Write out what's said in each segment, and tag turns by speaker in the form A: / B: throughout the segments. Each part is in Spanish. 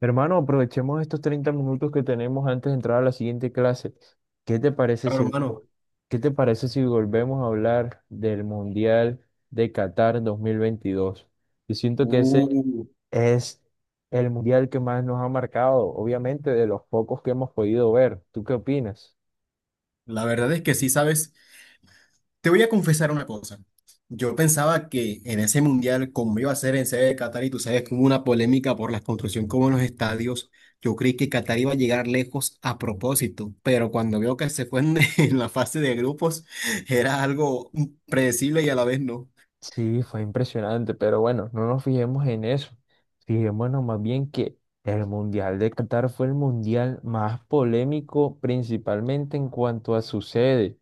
A: Hermano, aprovechemos estos 30 minutos que tenemos antes de entrar a la siguiente clase. ¿Qué te parece
B: Claro,
A: si,
B: hermano.
A: qué te parece si volvemos a hablar del Mundial de Qatar 2022? Yo siento que ese
B: Uh,
A: es el Mundial que más nos ha marcado, obviamente de los pocos que hemos podido ver. ¿Tú qué opinas?
B: la verdad es que sí, ¿sabes? Te voy a confesar una cosa. Yo pensaba que en ese mundial, como iba a ser en sede de Qatar, y tú sabes que hubo una polémica por la construcción como en los estadios, yo creí que Qatar iba a llegar lejos a propósito, pero cuando veo que se fue en la fase de grupos, era algo predecible y a la vez no.
A: Sí, fue impresionante, pero bueno, no nos fijemos en eso. Fijémonos más bien que el Mundial de Qatar fue el mundial más polémico, principalmente en cuanto a su sede,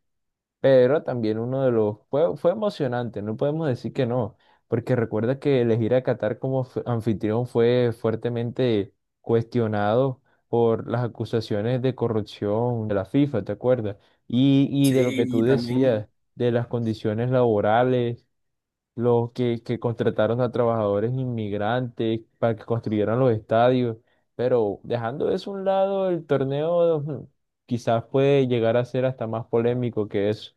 A: pero también uno de los... Fue, fue emocionante, no podemos decir que no, porque recuerda que elegir a Qatar como anfitrión fue fuertemente cuestionado por las acusaciones de corrupción de la FIFA, ¿te acuerdas? Y de lo que
B: Sí,
A: tú
B: y también,
A: decías, de las condiciones laborales los que contrataron a trabajadores inmigrantes para que construyeran los estadios, pero dejando eso a un lado, el torneo quizás puede llegar a ser hasta más polémico que eso.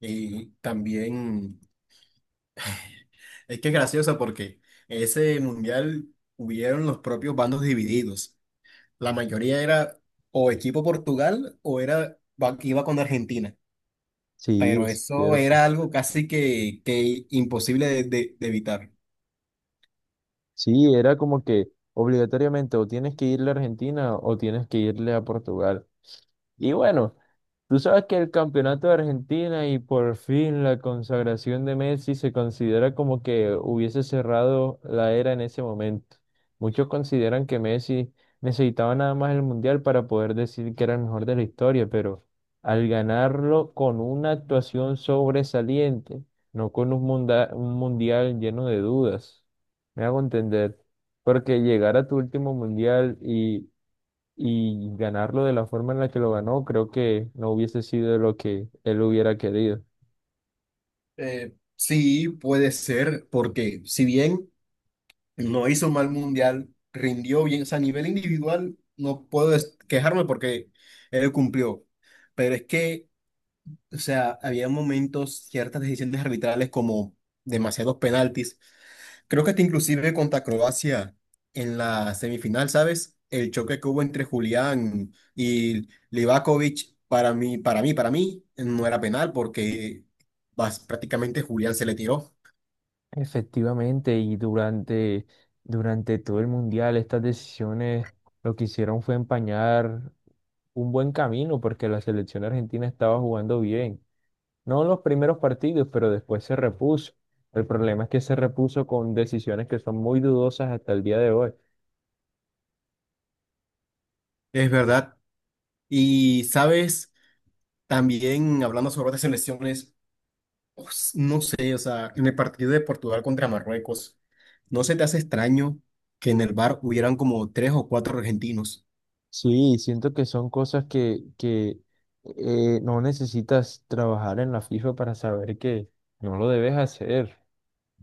B: y también, es que es gracioso porque ese mundial hubieron los propios bandos divididos. La mayoría era o equipo Portugal o era iba con Argentina,
A: Sí,
B: pero
A: es
B: eso
A: cierto.
B: era algo casi que imposible de evitar.
A: Sí, era como que obligatoriamente o tienes que irle a Argentina o tienes que irle a Portugal. Y bueno, tú sabes que el campeonato de Argentina y por fin la consagración de Messi se considera como que hubiese cerrado la era en ese momento. Muchos consideran que Messi necesitaba nada más el Mundial para poder decir que era el mejor de la historia, pero al ganarlo con una actuación sobresaliente, no con un Mundial lleno de dudas, me hago entender. Porque llegar a tu último mundial y ganarlo de la forma en la que lo ganó, creo que no hubiese sido lo que él hubiera querido.
B: Sí, puede ser, porque si bien no hizo un mal mundial, rindió bien, o sea, a nivel individual no puedo quejarme porque él cumplió, pero es que, o sea, había momentos, ciertas decisiones arbitrales como demasiados penaltis. Creo que hasta inclusive contra Croacia en la semifinal, ¿sabes? El choque que hubo entre Julián y Livakovic, para mí, para mí, no era penal porque prácticamente Julián se le tiró.
A: Efectivamente, y durante todo el mundial, estas decisiones lo que hicieron fue empañar un buen camino porque la selección argentina estaba jugando bien. No en los primeros partidos, pero después se repuso. El problema es que se repuso con decisiones que son muy dudosas hasta el día de hoy.
B: Es verdad. Y, ¿sabes? También hablando sobre otras selecciones, pues, no sé, o sea, en el partido de Portugal contra Marruecos, ¿no se te hace extraño que en el bar hubieran como tres o cuatro argentinos?
A: Sí, siento que son cosas que no necesitas trabajar en la FIFA para saber que no lo debes hacer.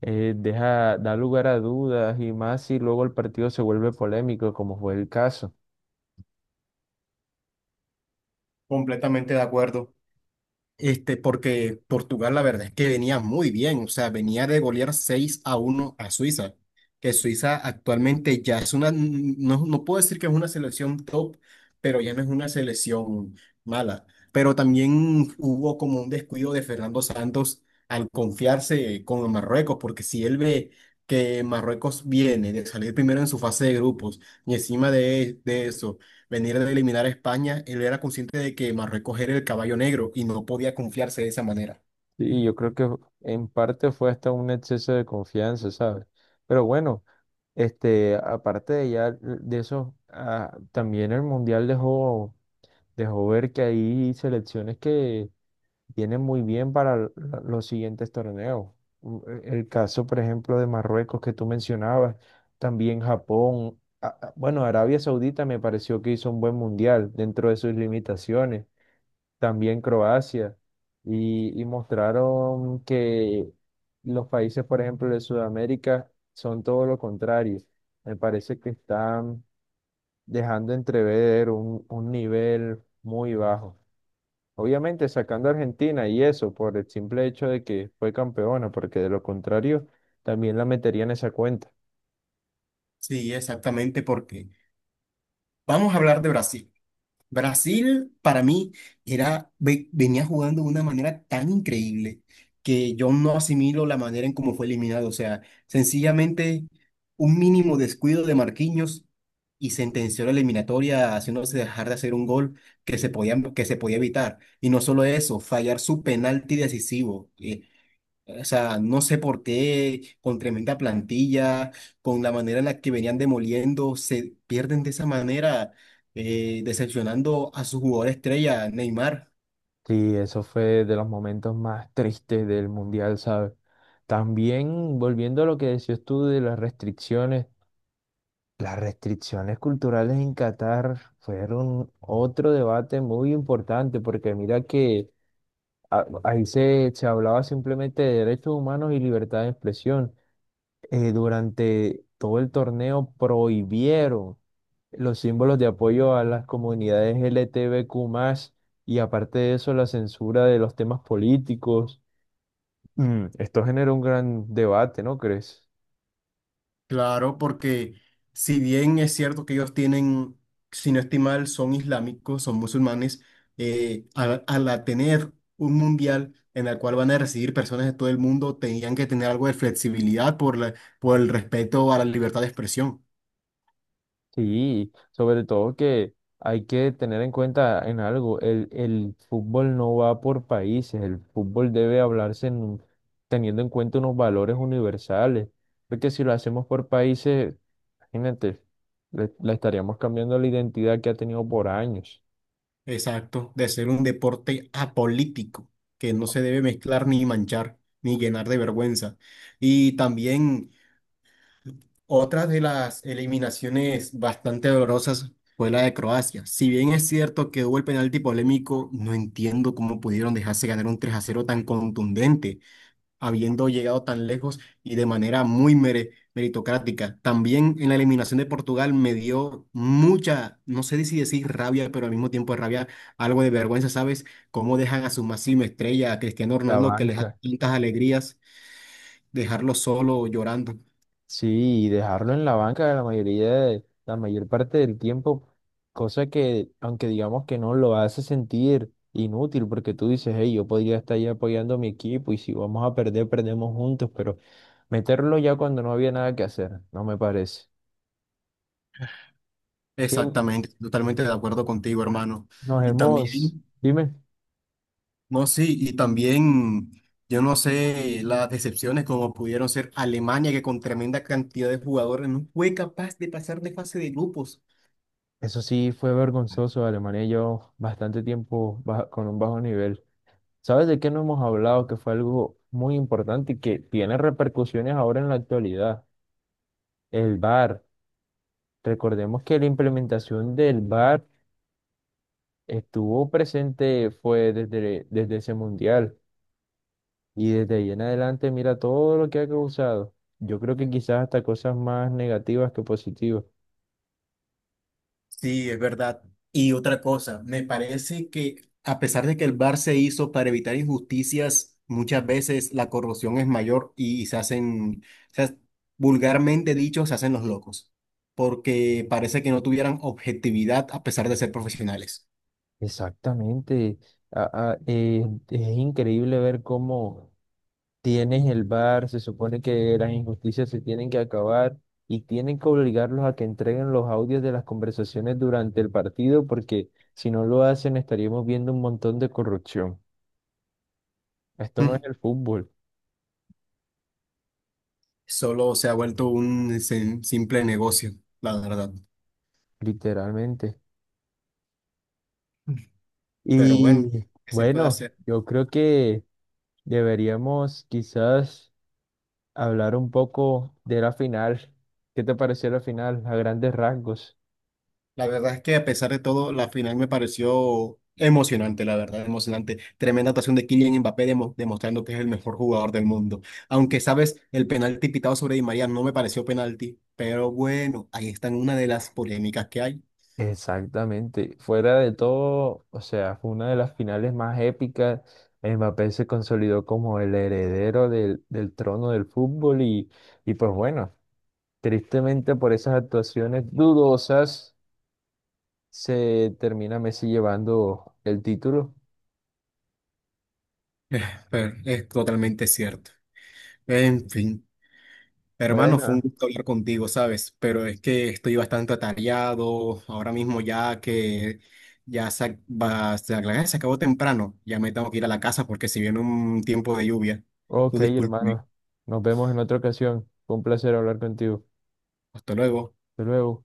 A: Da lugar a dudas y más si luego el partido se vuelve polémico, como fue el caso.
B: Completamente de acuerdo. Este, porque Portugal, la verdad es que venía muy bien, o sea, venía de golear 6 a uno a Suiza, que Suiza actualmente ya es una, no, no puedo decir que es una selección top, pero ya no es una selección mala. Pero también hubo como un descuido de Fernando Santos al confiarse con Marruecos, porque si él ve que Marruecos viene de salir primero en su fase de grupos y encima de eso venir de eliminar a España, él era consciente de que Marruecos era el caballo negro y no podía confiarse de esa manera.
A: Y yo creo que en parte fue hasta un exceso de confianza, ¿sabes? Pero bueno, este, aparte de ya de eso, también el Mundial dejó ver que hay selecciones que viene muy bien para los siguientes torneos. El caso, por ejemplo, de Marruecos que tú mencionabas, también Japón, bueno, Arabia Saudita me pareció que hizo un buen mundial dentro de sus limitaciones, también Croacia, y mostraron que los países, por ejemplo, de Sudamérica son todo lo contrario. Me parece que están dejando entrever un nivel muy bajo. Obviamente sacando a Argentina y eso por el simple hecho de que fue campeona, porque de lo contrario también la metería en esa cuenta.
B: Sí, exactamente, porque vamos a hablar de Brasil. Brasil para mí era, venía jugando de una manera tan increíble que yo no asimilo la manera en cómo fue eliminado. O sea, sencillamente un mínimo descuido de Marquinhos y sentenció la eliminatoria haciéndose dejar de hacer un gol que se podía evitar. Y no solo eso, fallar su penalti decisivo. O sea, no sé por qué, con tremenda plantilla, con la manera en la que venían demoliendo, se pierden de esa manera, decepcionando a su jugador estrella, Neymar.
A: Sí, eso fue de los momentos más tristes del Mundial, ¿sabes? También volviendo a lo que decías tú de las restricciones culturales en Qatar fueron otro debate muy importante, porque mira que ahí se hablaba simplemente de derechos humanos y libertad de expresión. Durante todo el torneo prohibieron los símbolos de apoyo a las comunidades LGTBQ+, y aparte de eso, la censura de los temas políticos. Esto genera un gran debate, ¿no crees?
B: Claro, porque si bien es cierto que ellos tienen, si no estoy mal, son islámicos, son musulmanes, al, al a tener un mundial en el cual van a recibir personas de todo el mundo, tenían que tener algo de flexibilidad por por el respeto a la libertad de expresión.
A: Sí, sobre todo que hay que tener en cuenta en algo, el fútbol no va por países, el fútbol debe hablarse teniendo en cuenta unos valores universales, porque si lo hacemos por países, imagínate, le estaríamos cambiando la identidad que ha tenido por años.
B: Exacto, de ser un deporte apolítico, que no se debe mezclar ni manchar, ni llenar de vergüenza. Y también otra de las eliminaciones bastante dolorosas fue la de Croacia. Si bien es cierto que hubo el penalti polémico, no entiendo cómo pudieron dejarse ganar un 3 a cero tan contundente, habiendo llegado tan lejos y de manera muy meritocrática. También en la eliminación de Portugal me dio mucha, no sé si decir rabia, pero al mismo tiempo de rabia, algo de vergüenza, ¿sabes? Cómo dejan a su máxima estrella, a Cristiano
A: La
B: Ronaldo, que les da
A: banca.
B: tantas alegrías, dejarlo solo llorando.
A: Sí, y dejarlo en la banca la mayor parte del tiempo, cosa que, aunque digamos que no lo hace sentir inútil, porque tú dices, hey, yo podría estar ahí apoyando a mi equipo y si vamos a perder, perdemos juntos, pero meterlo ya cuando no había nada que hacer, no me parece. Sí,
B: Exactamente, totalmente de acuerdo contigo, hermano.
A: nos
B: Y
A: hemos,
B: también.
A: dime,
B: No, sí, y también, yo no sé, las decepciones como pudieron ser Alemania, que con tremenda cantidad de jugadores no fue capaz de pasar de fase de grupos.
A: eso sí fue vergonzoso, Alemania llevó bastante tiempo con un bajo nivel. ¿Sabes de qué no hemos hablado? Que fue algo muy importante y que tiene repercusiones ahora en la actualidad. El VAR. Recordemos que la implementación del VAR estuvo presente, fue desde ese mundial y desde ahí en adelante mira todo lo que ha causado. Yo creo que quizás hasta cosas más negativas que positivas.
B: Sí, es verdad. Y otra cosa, me parece que a pesar de que el VAR se hizo para evitar injusticias, muchas veces la corrupción es mayor y se hacen, se- ha- vulgarmente dicho, se hacen los locos, porque parece que no tuvieran objetividad a pesar de ser profesionales.
A: Exactamente. A es increíble ver cómo tienes el bar, se supone que las injusticias se tienen que acabar y tienen que obligarlos a que entreguen los audios de las conversaciones durante el partido porque si no lo hacen estaríamos viendo un montón de corrupción. Esto no es el fútbol,
B: Solo se ha vuelto un simple negocio, la verdad.
A: literalmente.
B: Pero bueno,
A: Y
B: ¿qué se puede
A: bueno,
B: hacer?
A: yo creo que deberíamos quizás hablar un poco de la final. ¿Qué te pareció la final a grandes rasgos?
B: La verdad es que a pesar de todo, la final me pareció emocionante, la verdad, emocionante. Tremenda actuación de Kylian Mbappé demostrando que es el mejor jugador del mundo. Aunque, sabes, el penalti pitado sobre Di María no me pareció penalti, pero bueno, ahí está una de las polémicas que hay.
A: Exactamente. Fuera de todo, o sea, fue una de las finales más épicas. Mbappé se consolidó como el heredero del trono del fútbol y pues bueno, tristemente por esas actuaciones dudosas se termina Messi llevando el título.
B: Pero es totalmente cierto. En fin. Hermano, fue un
A: Bueno,
B: gusto hablar contigo, ¿sabes? Pero es que estoy bastante atareado ahora mismo ya que ya se, se acabó temprano. Ya me tengo que ir a la casa porque si viene un tiempo de lluvia. Tú
A: ok,
B: disculpe.
A: hermano. Nos vemos en otra ocasión. Fue un placer hablar contigo.
B: Hasta luego.
A: Hasta luego.